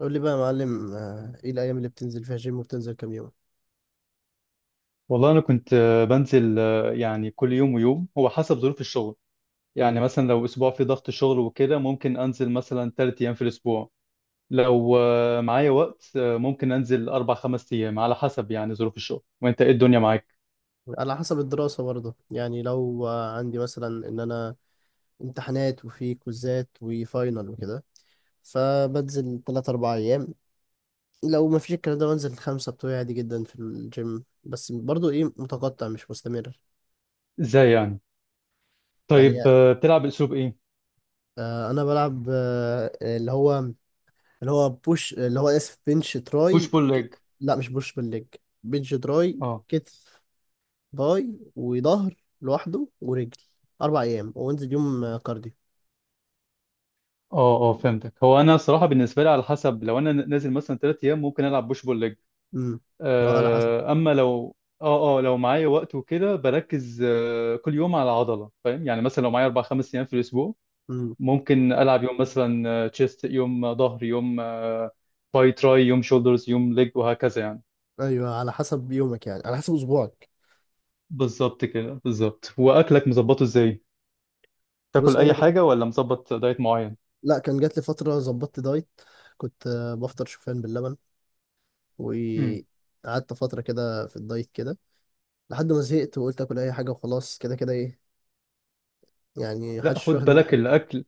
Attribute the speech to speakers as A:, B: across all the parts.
A: قول لي بقى يا معلم، ايه الايام اللي بتنزل فيها جيم وبتنزل كام يوم؟
B: والله انا كنت بنزل يعني كل يوم ويوم هو حسب ظروف الشغل. يعني
A: امم.
B: مثلا لو اسبوع في ضغط شغل وكده ممكن انزل مثلا ثلاث ايام في الاسبوع. لو معايا وقت ممكن انزل اربع خمس ايام على حسب يعني ظروف الشغل. وانت ايه الدنيا معاك؟
A: على حسب الدراسه برضه، يعني لو عندي مثلا ان انا امتحانات وفي كوزات وفاينل وكده، فبنزل 3 4 ايام. لو ما فيش الكلام ده بنزل خمسة بتوعي عادي جدا في الجيم، بس برضه ايه متقطع مش مستمر.
B: ازاي يعني؟
A: يعني
B: طيب بتلعب باسلوب ايه؟
A: انا بلعب اللي هو بوش، اللي هو اسف، بنش
B: بوش
A: تراي
B: بول ليج.
A: لا مش بوش بالليج، بنش تراي
B: اه،
A: كتف، باي وظهر لوحده ورجل. اربع ايام وانزل يوم كارديو.
B: اه، اه، فهمتك. هو انا صراحة بالنسبة لي على حسب. لو انا نازل مثلا ثلاث ايام ممكن العب بوش بول ليج،
A: امم، اه، على حسب.
B: اما لو اه لو معايا وقت وكده بركز كل يوم على عضله. فاهم يعني؟ مثلا لو معايا اربع خمس ايام في الاسبوع
A: امم،
B: ممكن العب يوم مثلا تشيست، يوم ظهر، يوم باي تراي، يوم شولدرز، يوم ليج وهكذا يعني.
A: ايوه، على حسب يومك يعني، على حسب اسبوعك.
B: بالظبط كده، بالظبط. واكلك مظبطه ازاي؟ تاكل
A: بص، هو انا
B: اي حاجه ولا مظبط دايت معين؟
A: لا، كان جات لي فتره ظبطت دايت. كنت بفطر شوفان باللبن،
B: امم.
A: وقعدت فتره كده في الدايت كده، لحد ما زهقت وقلت اكل اي حاجه وخلاص، كده كده ايه، يعني
B: لا،
A: محدش
B: خد
A: واخد منها
B: بالك.
A: حاجه.
B: الاكل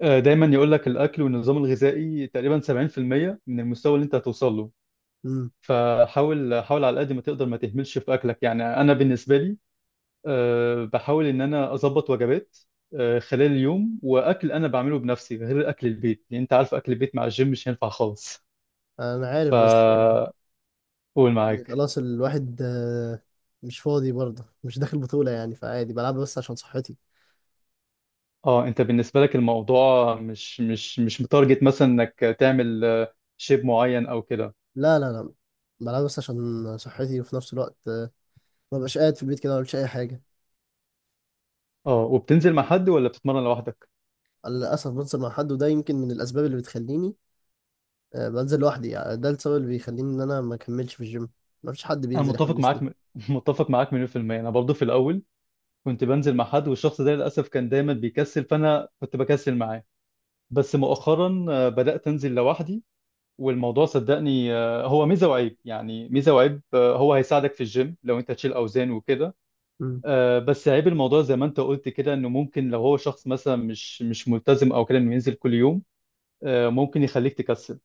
B: دايما يقول لك الاكل والنظام الغذائي تقريبا 70% من المستوى اللي انت هتوصل له.
A: امم.
B: فحاول، حاول على قد ما تقدر ما تهملش في اكلك. يعني انا بالنسبه لي بحاول ان انا اظبط وجبات خلال اليوم، واكل انا بعمله بنفسي غير اكل البيت، لان انت عارف اكل البيت مع الجيم مش هينفع خالص.
A: انا عارف، بس
B: فقول
A: يعني
B: معاك.
A: خلاص الواحد مش فاضي برضه، مش داخل بطوله يعني، فعادي بلعب بس عشان صحتي.
B: اه، انت بالنسبه لك الموضوع مش متارجت مثلا انك تعمل شيب معين او كده؟
A: لا لا لا، بلعب بس عشان صحتي، وفي نفس الوقت ما ببقاش قاعد في البيت كده ما بعملش اي حاجه.
B: اه، وبتنزل مع حد ولا بتتمرن لوحدك؟
A: للاسف بنزل مع حد، وده يمكن من الاسباب اللي بتخليني بنزل لوحدي، يعني ده السبب اللي بيخليني ان انا ما اكملش في الجيم، ما فيش حد
B: انا
A: بينزل
B: متفق
A: يحمسني.
B: معاك متفق معاك مليون في المية. انا برضه في الاول كنت بنزل مع حد، والشخص ده للأسف كان دايما بيكسل فأنا كنت بكسل معاه. بس مؤخرا بدأت أنزل لوحدي. والموضوع صدقني هو ميزة وعيب، يعني ميزة وعيب. هو هيساعدك في الجيم لو أنت تشيل أوزان وكده.
A: مم.
B: بس عيب الموضوع زي ما أنت قلت كده، إنه ممكن لو هو شخص مثلا مش ملتزم أو كده إنه ينزل كل يوم، ممكن يخليك تكسل.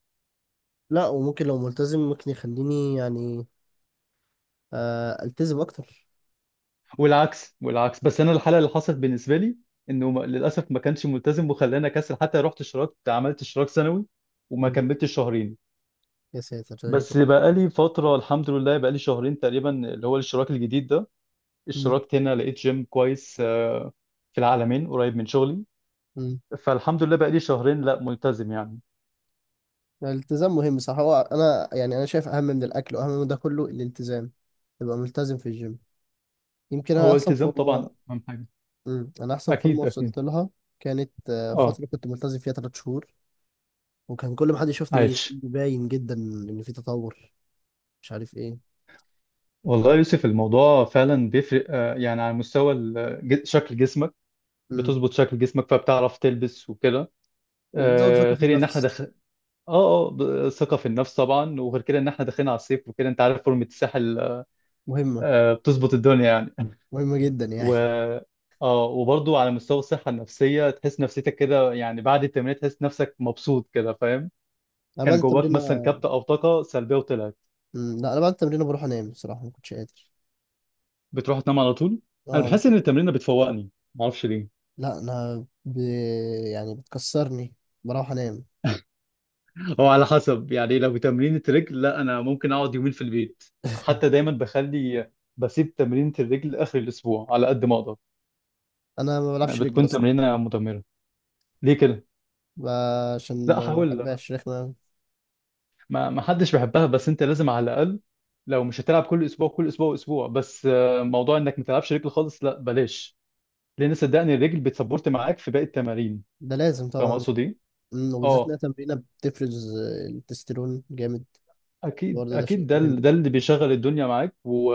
A: لا، وممكن لو ملتزم ممكن يخليني يعني التزم اكتر.
B: والعكس، والعكس. بس أنا الحالة اللي حصلت بالنسبة لي إنه للأسف ما كانش ملتزم وخلاني أكسل. حتى رحت اشتركت، عملت اشتراك سنوي، وما
A: مم.
B: كملتش شهرين.
A: يا ساتر، ده ليه
B: بس
A: كده؟
B: بقالي فترة، الحمد لله بقالي شهرين تقريبا اللي هو الاشتراك الجديد ده.
A: مم.
B: اشتركت هنا لقيت جيم كويس في العالمين قريب من شغلي.
A: مم.
B: فالحمد لله بقالي شهرين لا ملتزم يعني.
A: الالتزام مهم، صح. هو انا يعني انا شايف اهم من الاكل واهم من ده كله الالتزام، تبقى ملتزم في الجيم، يمكن انا
B: هو
A: احسن
B: التزام
A: فورمه.
B: طبعا أهم حاجة.
A: مم. انا احسن فورمه
B: أكيد، أكيد.
A: وصلت لها، كانت
B: أه،
A: فتره كنت ملتزم فيها ثلاث شهور، وكان كل ما حد يشوفني يقول
B: عايش.
A: لي باين جدا ان في تطور، مش عارف ايه. ف...
B: والله يا يوسف الموضوع فعلا بيفرق، يعني على مستوى شكل جسمك.
A: مم.
B: بتظبط شكل جسمك فبتعرف تلبس وكده.
A: وبتزود ثقه في
B: غير ان احنا
A: النفس.
B: دخل. اه ثقة في النفس طبعا. وغير كده ان احنا داخلين على الصيف وكده، انت عارف فورمة الساحل.
A: مهمه،
B: بتظبط الدنيا يعني.
A: مهمه جدا
B: و
A: يعني.
B: اه وبرضه على مستوى الصحة النفسية تحس نفسيتك كده. يعني بعد التمرين تحس نفسك مبسوط كده. فاهم؟
A: انا بعد
B: كان
A: التمرين.
B: جواك مثلا كبتة أو طاقة سلبية وطلعت.
A: مم. لا، انا بعد التمرين بروح انام، بصراحه ما كنتش قادر.
B: بتروح تنام على طول؟ أنا
A: اه،
B: بحس
A: مش.
B: إن التمرين بتفوقني، معرفش ليه.
A: لا انا يعني بتكسرني، بروح انام.
B: هو على حسب يعني. لو تمرين الرجل، لا أنا ممكن أقعد يومين في البيت. حتى دايما بخلي، بسيب تمرينة الرجل آخر الأسبوع على قد ما أقدر.
A: انا ما
B: يعني
A: بلعبش رجل
B: بتكون
A: اصلا.
B: تمرينة مدمرة. ليه كده؟
A: ب- عشان
B: لا،
A: ما
B: أحاول.
A: بحبهاش، رخمه.
B: ما حدش بيحبها بس انت لازم على الاقل. لو مش هتلعب كل اسبوع، كل اسبوع اسبوع بس، موضوع انك ما تلعبش رجل خالص، لا بلاش. لان صدقني الرجل بتسبورت معاك في باقي التمارين.
A: ده لازم
B: فاهم
A: طبعا.
B: اقصد ايه؟
A: مم، وبالذات إنها
B: اه،
A: تمرينة بتفرز التستيرون جامد.
B: اكيد
A: برضه ده
B: اكيد.
A: شيء
B: ده
A: مهم.
B: ده اللي بيشغل الدنيا معاك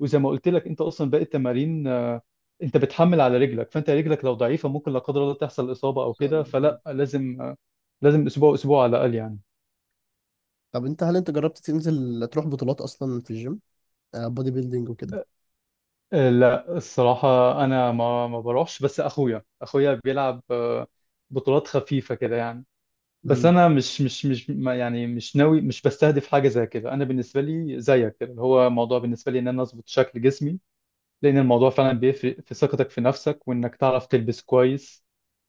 B: وزي ما قلت لك انت اصلا باقي التمارين انت بتحمل على رجلك. فانت رجلك لو ضعيفه ممكن لا قدر الله تحصل اصابه او
A: صعب.
B: كده.
A: مم.
B: فلا، لازم لازم اسبوع اسبوع على الاقل يعني.
A: طب أنت هل أنت جربت تنزل تروح بطولات أصلا في الجيم؟ بودي بيلدينج وكده.
B: لا الصراحة أنا ما بروحش. بس أخويا بيلعب بطولات خفيفة كده يعني. بس
A: امم،
B: أنا مش مش مش ما يعني، مش ناوي، مش بستهدف حاجة زي كده. أنا بالنسبة لي زيك كده، اللي هو موضوع بالنسبة لي إن أنا أظبط شكل جسمي. لأن الموضوع فعلا بيفرق في ثقتك في نفسك، وإنك تعرف تلبس كويس.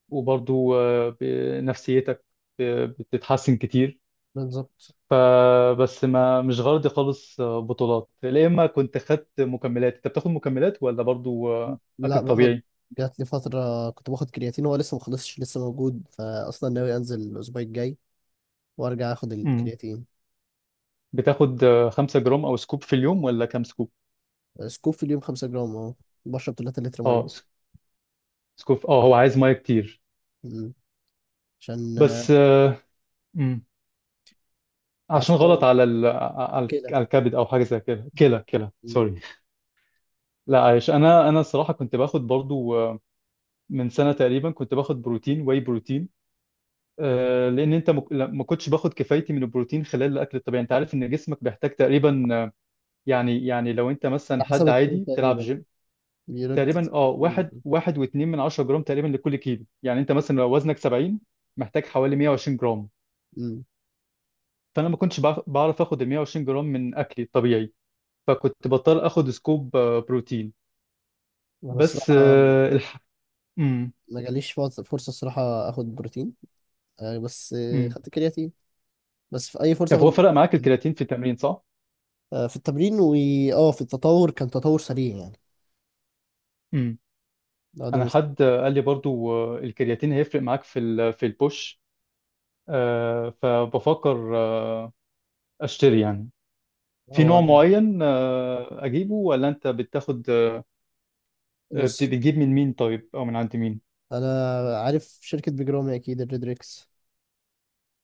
B: وبرضو نفسيتك بتتحسن كتير.
A: بالظبط.
B: فبس، ما مش غرضي خالص بطولات. يا اما كنت خدت مكملات. انت بتاخد مكملات ولا برضو اكل
A: لا، باخد.
B: طبيعي؟
A: جات لي فترة كنت باخد كرياتين، هو لسه ما خلصش، لسه موجود، فأصلا ناوي أنزل الأسبوع الجاي وأرجع آخد
B: امم.
A: الكرياتين.
B: بتاخد 5 جرام او سكوب في اليوم ولا كام سكوب؟
A: سكوب في اليوم 5 جرام، أه. بشرب 3 لتر
B: اه،
A: مية.
B: سكوب. اه، هو عايز ميه كتير.
A: مم. عشان
B: بس امم. عشان
A: عشان
B: غلط
A: هو
B: على على
A: كده.
B: على الكبد او حاجه زي كده. كلى، كلى،
A: مم.
B: سوري. لا، عايش. انا الصراحه كنت باخد برضو من سنه تقريبا كنت باخد بروتين واي بروتين. لان انت ما كنتش باخد كفايتي من البروتين خلال الاكل الطبيعي. انت عارف ان جسمك بيحتاج تقريبا، يعني لو انت مثلا
A: على حسب
B: حد
A: الطول
B: عادي بتلعب
A: تقريبا،
B: جيم،
A: بيراجع
B: تقريبا اه
A: الطول.
B: واحد واحد واتنين من عشرة جرام تقريبا لكل كيلو. يعني انت مثلا لو وزنك 70 محتاج حوالي 120 جرام.
A: مم.
B: فانا ما كنتش بعرف اخد ال 120 جرام من اكلي الطبيعي. فكنت بضطر اخد سكوب بروتين.
A: أنا
B: بس
A: الصراحة
B: مم.
A: ما جاليش فرصه الصراحه اخد بروتين، بس
B: مم.
A: خدت كرياتين، بس في اي فرصه
B: طب
A: اخد
B: هو فرق
A: بروتين.
B: معاك الكرياتين في التمرين، صح؟
A: في التمرين، واه في التطور، كان تطور سريع يعني.
B: مم.
A: لا ده
B: انا
A: مست...
B: حد قال لي برضو الكرياتين هيفرق معاك في في البوش. فبفكر اشتري يعني في
A: هو
B: نوع
A: أنا-
B: معين. اجيبه ولا انت بتاخد
A: بص،
B: بتجيب من مين طيب، او من عند مين؟
A: انا عارف شركه بيجرامي، اكيد الريدريكس.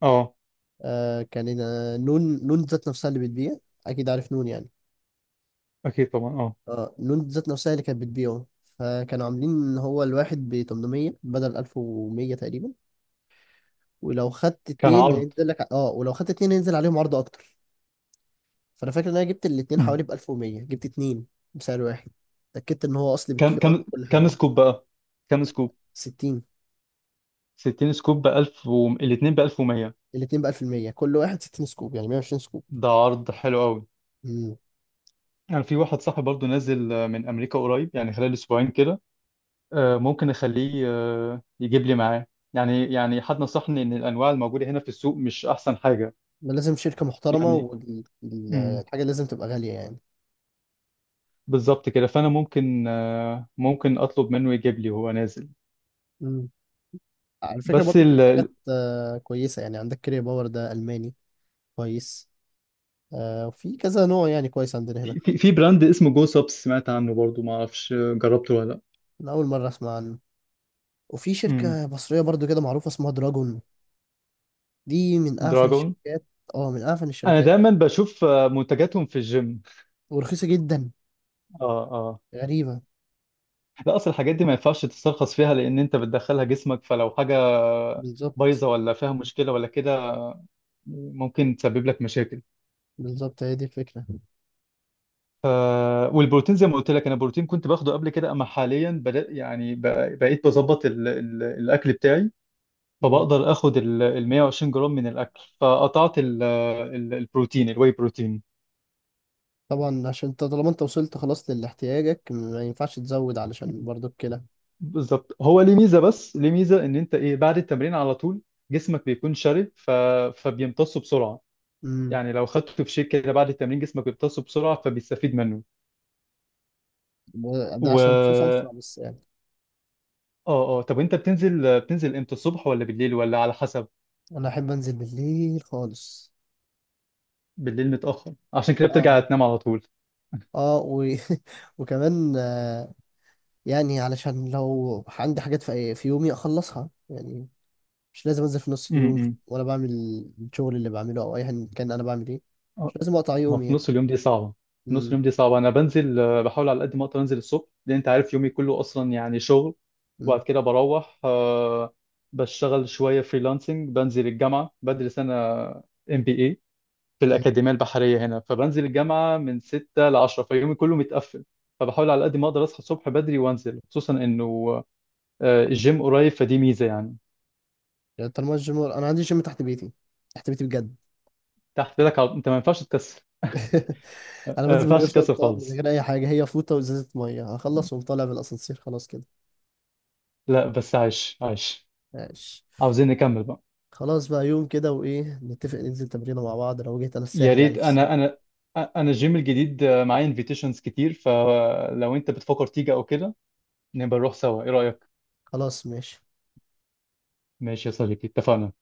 B: اه،
A: آه، كان نون ذات نفسها اللي بتبيع، اكيد عارف نون يعني.
B: اكيد طبعا. اه،
A: اه، نون ذات نفسها اللي كانت بتبيعه، فكانوا عاملين ان هو الواحد ب 800 بدل 1100 تقريبا، ولو خدت
B: كان
A: اتنين
B: عرض.
A: هينزل لك، اه، ولو خدت اتنين هينزل عليهم عرض اكتر. فانا فاكر ان انا جبت الاتنين
B: مم.
A: حوالي ب 1100، جبت اتنين بسعر واحد، اتاكدت ان هو اصلي
B: كم
A: بالكيو ار،
B: كم
A: كل
B: كم
A: حاجه.
B: سكوب بقى؟ كم سكوب؟
A: 60،
B: 60 سكوب ب 1000 الاثنين ب 1100؟
A: الاتنين ب 1000% كل واحد 60 سكوب، يعني 120 سكوب.
B: ده عرض حلو قوي.
A: امم،
B: يعني في واحد صاحبي برضو نازل من امريكا قريب، يعني خلال اسبوعين كده. ممكن اخليه يجيب لي معاه. يعني حد نصحني ان الانواع الموجوده هنا في السوق مش احسن حاجه
A: ده لازم شركه محترمه،
B: يعني.
A: والحاجه لازم تبقى غاليه يعني.
B: بالظبط كده. فانا ممكن اطلب منه يجيب لي وهو نازل.
A: امم، على فكره
B: بس
A: برضو في حاجات كويسه، يعني عندك كريا باور ده الماني كويس، وفي كذا نوع يعني كويس عندنا هنا.
B: في براند اسمه جو سبس، سمعت عنه برضو؟ ما اعرفش جربته ولا لا؟
A: انا اول مره اسمع عنه. وفي
B: امم.
A: شركه مصريه برضو كده معروفه اسمها دراجون، دي من اعفن
B: دراجون.
A: الشركات. اه، من اعفن
B: انا
A: الشركات،
B: دايما بشوف منتجاتهم في الجيم.
A: ورخيصه جدا،
B: اه، اه.
A: غريبة.
B: لا، اصل الحاجات دي ما ينفعش تسترخص فيها، لان انت بتدخلها جسمك. فلو حاجه
A: بالظبط،
B: بايظه ولا فيها مشكله ولا كده ممكن تسبب لك مشاكل.
A: بالظبط هي دي الفكرة.
B: ف... والبروتين زي ما قلت لك، انا بروتين كنت باخده قبل كده. اما حاليا بدأ يعني بقيت بظبط الاكل بتاعي.
A: مم.
B: فبقدر اخد ال 120 جرام من الاكل. فقطعت ال البروتين الواي بروتين.
A: طبعا، عشان انت طالما انت وصلت خلاص للاحتياجك ما ينفعش تزود، علشان برضو الكلى.
B: بالظبط. هو ليه ميزه، بس ليه ميزه ان انت ايه، بعد التمرين على طول جسمك بيكون شرب فبيمتصه بسرعه.
A: امم،
B: يعني لو خدته في شيك كده بعد التمرين جسمك بيمتصه بسرعه فبيستفيد منه.
A: ده
B: و
A: عشان في صنف
B: اه
A: بس يعني.
B: اه طب وانت بتنزل امتى؟ الصبح ولا بالليل ولا على حسب؟
A: انا احب انزل بالليل خالص.
B: بالليل متاخر عشان كده
A: اه،
B: بترجع تنام على طول.
A: اه، وكمان، يعني علشان لو عندي حاجات في يومي اخلصها يعني، مش لازم انزل في نص
B: امم،
A: اليوم،
B: إمم.
A: ولا بعمل الشغل اللي بعمله او ايا كان انا بعمل ايه، مش لازم اقطع
B: هو
A: يومي
B: في
A: يعني.
B: نص اليوم دي صعبة. في نص اليوم دي صعبة. أنا بنزل بحاول على قد ما أقدر أنزل الصبح، لأن أنت عارف يومي كله أصلا يعني شغل. وبعد
A: امم،
B: كده بروح بشتغل شوية فريلانسنج، بنزل الجامعة بدرس أنا MBA في الأكاديمية البحرية هنا. فبنزل الجامعة من 6 ل 10، فيومي كله متقفل. فبحاول على قد ما أقدر أصحى الصبح بدري وأنزل، خصوصا إنه الجيم قريب فدي ميزة يعني.
A: يعني طالما الجيم، انا عندي جيم تحت بيتي، تحت بيتي بجد.
B: تحت لك أنت ما ينفعش تكسر.
A: انا
B: ما
A: بنزل من غير
B: ينفعش تكسر
A: شطه، من
B: خالص.
A: غير اي حاجه، هي فوطه وازازه ميه، هخلص وأقوم طالع بالاسانسير، خلاص كده.
B: لا بس عايش، عايش.
A: ماشي.
B: عاوزين نكمل بقى.
A: خلاص بقى، يوم كده وايه نتفق ننزل تمرينه مع بعض لو جيت انا
B: يا
A: الساحل يعني
B: ريت.
A: في الصيف.
B: انا الجيم الجديد معايا انفيتيشنز كتير. فلو انت بتفكر تيجي او كده نبقى نروح سوا. ايه رأيك؟
A: خلاص ماشي.
B: ماشي يا صديقي، اتفقنا.